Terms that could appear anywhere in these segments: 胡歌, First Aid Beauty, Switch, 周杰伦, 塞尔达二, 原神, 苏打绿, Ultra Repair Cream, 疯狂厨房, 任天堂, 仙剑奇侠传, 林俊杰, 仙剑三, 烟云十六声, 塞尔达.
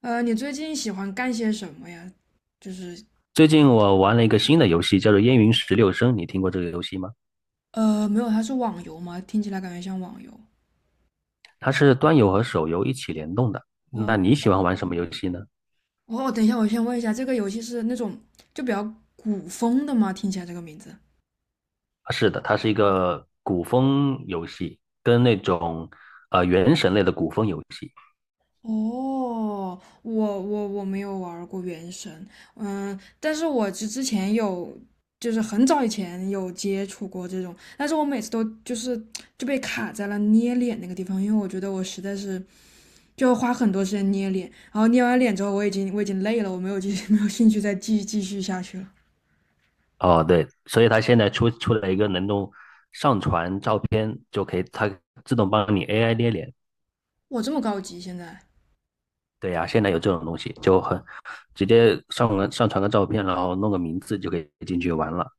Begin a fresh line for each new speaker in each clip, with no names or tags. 你最近喜欢干些什么呀？就是
最近我玩了一个新的游戏，叫做《烟云十六声》，你听过这个游戏吗？
没有，它是网游吗？听起来感觉像网游。
它是端游和手游一起联动的。那你
哦
喜欢玩什么游戏呢？
哦，等一下，我先问一下，这个游戏是那种就比较古风的吗？听起来这个名字。
啊是的，它是一个古风游戏，跟那种原神类的古风游戏。
哦，我没有玩儿过《原神》，嗯，但是我之前有，就是很早以前有接触过这种，但是我每次都就是就被卡在了捏脸那个地方，因为我觉得我实在是就花很多时间捏脸，然后捏完脸之后，我已经累了，我没有继续没有兴趣再继续下去了。
哦，对，所以它现在出了一个能够上传照片就可以，它自动帮你 AI 捏脸。
我这么高级，现在
对呀、现在有这种东西，就很直接上传个照片，然后弄个名字就可以进去玩了。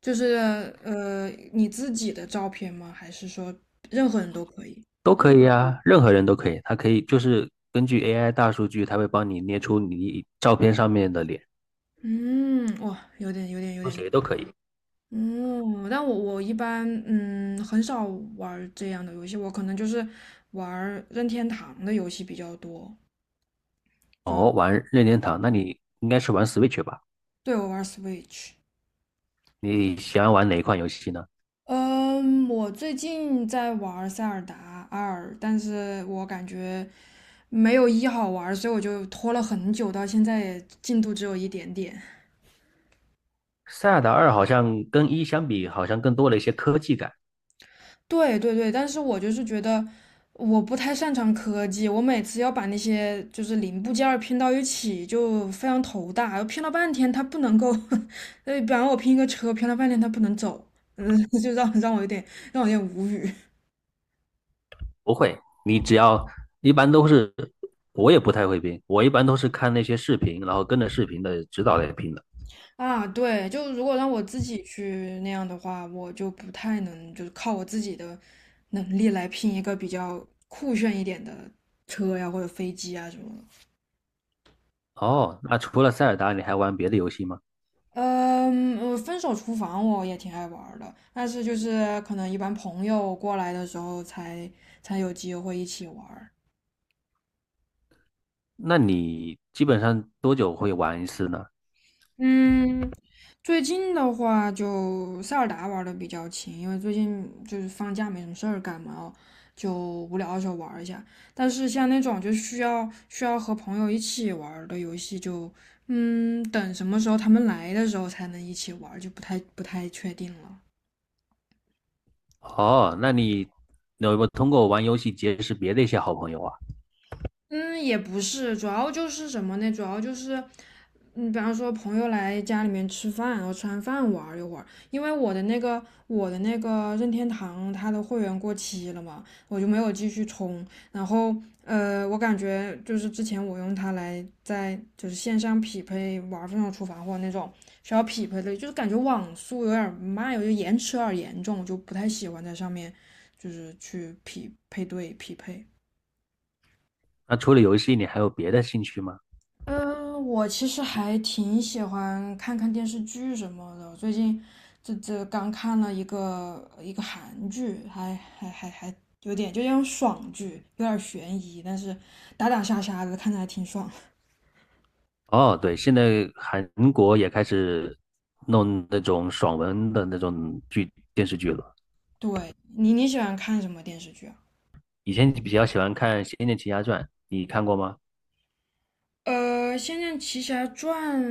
就是你自己的照片吗？还是说任何人都可以？
都可以啊，任何人都可以，它可以就是根据 AI 大数据，它会帮你捏出你照片上面的脸，
嗯，哇，有点有点有
说
点厉
谁都
害。
可以。
嗯，但我一般嗯很少玩儿这样的游戏，我可能就是玩儿任天堂的游戏比较多。就
哦，玩任天堂，那你应该是玩 Switch 吧？
对我玩儿 Switch。
你喜欢玩哪一款游戏呢？
嗯，我最近在玩《塞尔达二》，但是我感觉没有一好玩所以我就拖了很久，到现在也进度只有一点点。
塞尔达二好像跟一相比，好像更多了一些科技感。
对对对，但是我就是觉得我不太擅长科技，我每次要把那些就是零部件儿拼到一起就非常头大，拼了半天它不能够，呃，比方我拼一个车，拼了半天它不能走，嗯，就让我有点让我有点无语。
不会，你只要一般都是，我也不太会拼，我一般都是看那些视频，然后跟着视频的指导来拼的。
啊，对，就如果让我自己去那样的话，我就不太能，就是靠我自己的能力来拼一个比较酷炫一点的车呀，或者飞机啊什么的。
哦，那除了塞尔达，你还玩别的游戏吗？
嗯，呃分手厨房我也挺爱玩儿的，但是就是可能一般朋友过来的时候才才有机会一起玩儿。
那你基本上多久会玩一次呢？
嗯，最近的话就塞尔达玩的比较勤，因为最近就是放假没什么事儿干嘛哦，就无聊的时候玩一下。但是像那种就需要和朋友一起玩儿的游戏就，嗯，等什么时候他们来的时候才能一起玩儿，就不太确定了。
哦，那你有没有通过玩游戏结识别的一些好朋友啊？
嗯，也不是，主要就是什么呢？主要就是，嗯，比方说朋友来家里面吃饭，然后吃完饭玩儿一会儿。因为我的那个任天堂它的会员过期了嘛，我就没有继续充。然后呃，我感觉就是之前我用它来在就是线上匹配玩儿《疯狂厨房》或者那种需要匹配的，就是感觉网速有点儿慢，有点延迟有点儿严重，我就不太喜欢在上面就是去匹配匹配。
那除了游戏，你还有别的兴趣吗？
嗯，我其实还挺喜欢看看电视剧什么的。最近这刚看了一个韩剧，还有点就那种爽剧，有点悬疑，但是打打杀杀的，看着还挺爽。
哦，对，现在韩国也开始弄那种爽文的那种电视剧了。
对，你喜欢看什么电视剧啊？
以前比较喜欢看《仙剑奇侠传》，你看过吗？
呃，《仙剑奇侠传》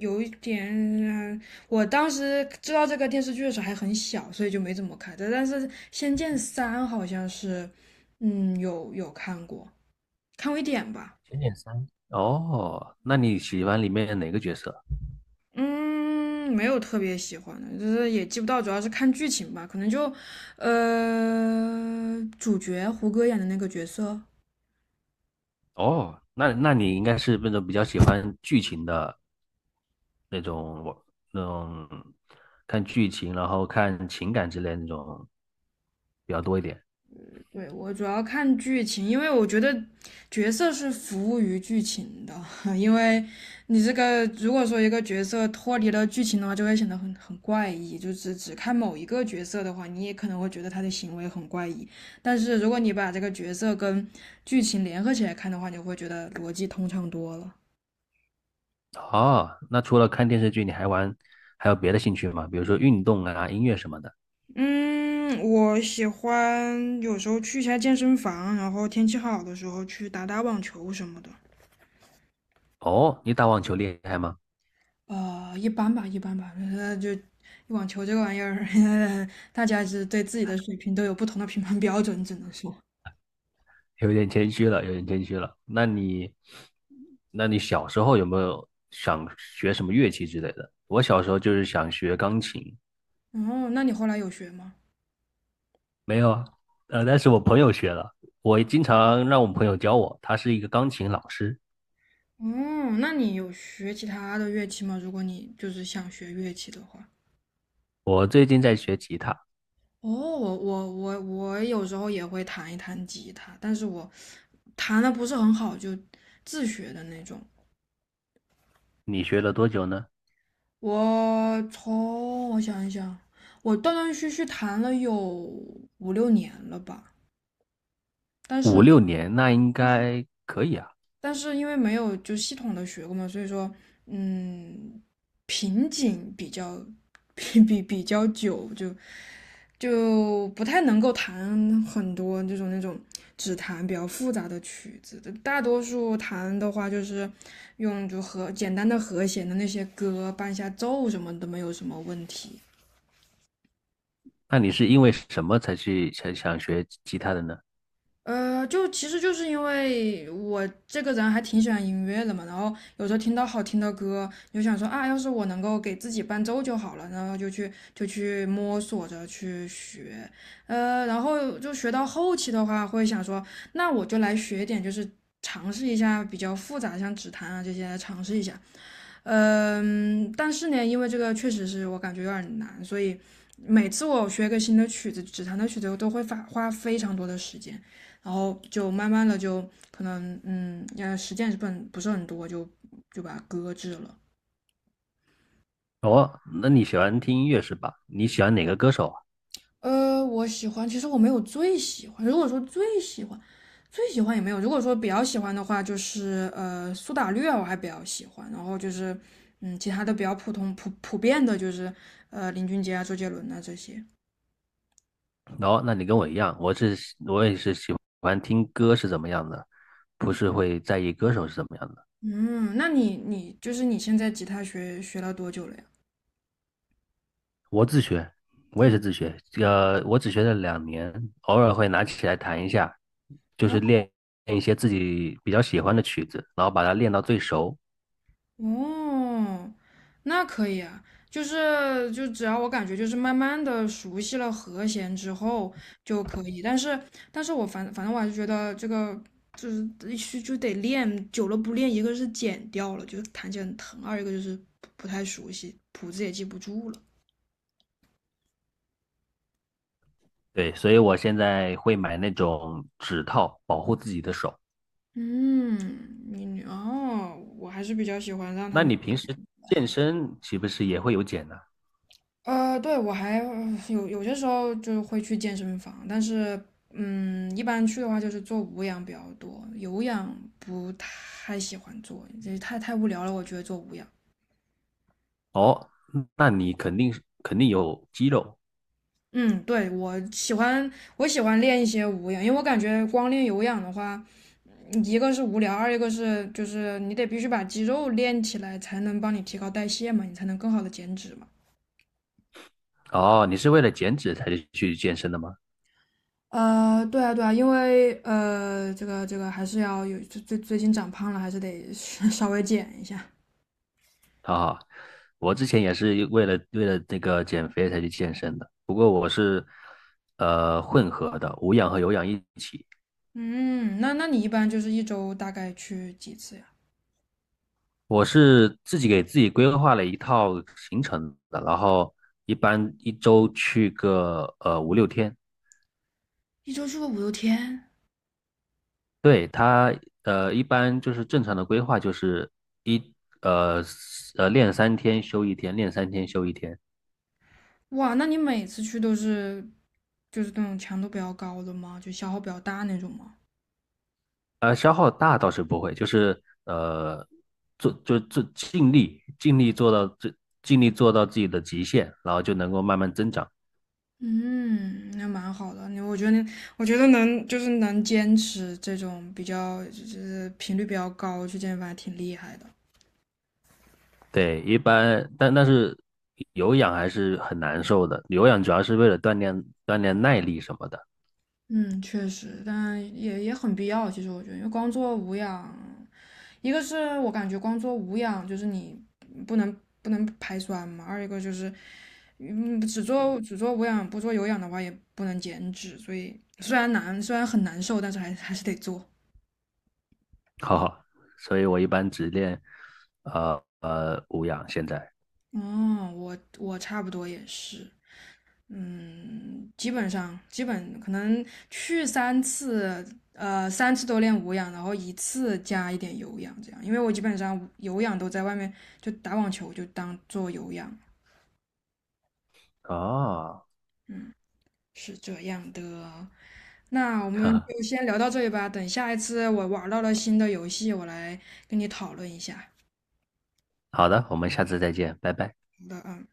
有一点，嗯我当时知道这个电视剧的时候还很小，所以就没怎么看。但但是《仙剑三》好像是，嗯，有有看过。看微点吧，
仙剑三，哦，那你喜欢里面哪个角色？
嗯，没有特别喜欢的，就是也记不到，主要是看剧情吧，可能就，呃，主角胡歌演的那个角色，
哦，那你应该是那种比较喜欢剧情的那种那种看剧情，然后看情感之类的那种比较多一点。
对，我主要看剧情，因为我觉得角色是服务于剧情的，因为你这个如果说一个角色脱离了剧情的话，就会显得很怪异。就只看某一个角色的话，你也可能会觉得他的行为很怪异。但是如果你把这个角色跟剧情联合起来看的话，你会觉得逻辑通畅多了。
哦，那除了看电视剧，你还有别的兴趣吗？比如说运动啊、音乐什么的。
嗯，我喜欢有时候去一下健身房，然后天气好的时候去打打网球什么的。
哦，你打网球厉害吗？
呃，一般吧，一般吧。呃，就网球这个玩意儿，大家是对自己的水平都有不同的评判标准，只能说。
有点谦虚了，有点谦虚了。那你小时候有没有想学什么乐器之类的？我小时候就是想学钢琴，
哦，那你后来有学吗？
没有啊，但是我朋友学了，我经常让我朋友教我，他是一个钢琴老师。
嗯，那你有学其他的乐器吗？如果你就是想学乐器的话。
我最近在学吉他，
哦，我有时候也会弹一弹吉他，但是我弹的不是很好，就自学的那种。
你学了多久呢？
我想一想，我断断续续弹了有五六年了吧，但
五
是。
六年，那应该可以啊。
但是因为没有就系统的学过嘛，所以说，嗯，瓶颈比较比较久，就就不太能够弹很多这种那种只弹比较复杂的曲子。大多数弹的话，就是用就和简单的和弦的那些歌伴一下奏什么都没有什么问题。
那你是因为什么才去才想学吉他的呢？
呃，就其实就是因为我这个人还挺喜欢音乐的嘛，然后有时候听到好听的歌，你就想说啊，要是我能够给自己伴奏就好了，然后就去就去摸索着去学，呃，然后就学到后期的话，会想说，那我就来学一点，就是尝试一下比较复杂的，像指弹啊这些来尝试一下。嗯，但是呢，因为这个确实是我感觉有点难，所以每次我学一个新的曲子，指弹的曲子，我都会花非常多的时间，然后就慢慢的就可能嗯，呃，实践是不是很多，就就把它搁置了。
哦，那你喜欢听音乐是吧？你喜欢哪个歌手啊？
呃，我喜欢，其实我没有最喜欢，如果说最喜欢，最喜欢也没有。如果说比较喜欢的话，就是呃苏打绿啊，我还比较喜欢。然后就是嗯，其他的比较普通普遍的，就是呃林俊杰啊、周杰伦啊这些。
哦，那你跟我一样，我是我也是喜欢听歌是怎么样的，不是会在意歌手是怎么样的。
嗯，那你就是你现在吉他学了多久了呀？
我自学，我也是自学，我只学了两年，偶尔会拿起来弹一下，就
哦
是练一些自己比较喜欢的曲子，然后把它练到最熟。
哦，那可以啊，就是就只要我感觉就是慢慢的熟悉了和弦之后就可以，但是但是我反正我还是觉得这个就是就得练，久了不练，一个是剪掉了，就是弹起来很疼，二一个就是不太熟悉，谱子也记不住了。
对，所以我现在会买那种指套保护自己的手。
嗯，你你哦，我还是比较喜欢让他
那
们。
你平时健身岂不是也会有减呢、
呃，对，我还呃有些时候就会去健身房，但是嗯，一般去的话就是做无氧比较多，有氧不太喜欢做，这太无聊了，我觉得做无氧。
哦，那你肯定有肌肉
嗯，对，我喜欢练一些无氧，因为我感觉光练有氧的话，一个是无聊，二一个是就是你得必须把肌肉练起来，才能帮你提高代谢嘛，你才能更好的减脂嘛。
哦。你是为了减脂才去健身的吗？
呃，对啊，对啊，因为呃，这个还是要有最近长胖了，还是得 稍微减一下。
啊，我之前也是为了这个减肥才去健身的，不过我是混合的，无氧和有氧一起。
嗯，那你一般就是一周大概去几次呀？
我是自己给自己规划了一套行程的，然后一般一周去个五六天。
一周去个五六天，
对，他一般就是正常的规划就是一呃练三天休一天，练三天休一天。
哇，那你每次去都是就是那种强度比较高的吗？就消耗比较大那种吗？
消耗大倒是不会，就是做就做尽力尽力做到最尽力做到自己的极限，然后就能够慢慢增长。
嗯，那蛮好的。我觉得你，我觉得能就是能坚持这种比较就是频率比较高去健身房，还挺厉害的。
对，一般但是有氧还是很难受的，有氧主要是为了锻炼耐力什么的，
嗯，确实，但也很必要。其实我觉得，因为光做无氧，一个是我感觉光做无氧就是你不能不能排酸嘛，二一个就是嗯只做无氧不做有氧的话也不能减脂，所以虽然很难受，但是还是得做。
哈哈。所以我一般只练无氧现在
嗯，我差不多也是。嗯，基本上基本可能去三次，呃，三次都练无氧，然后一次加一点有氧，这样。因为我基本上有氧都在外面，就打网球就当做有氧，
啊。
是这样的。那我 们
哈，
就先聊到这里吧，等下一次我玩到了新的游戏，我来跟你讨论一下。
好的，我们下次再见，拜拜。
好的啊。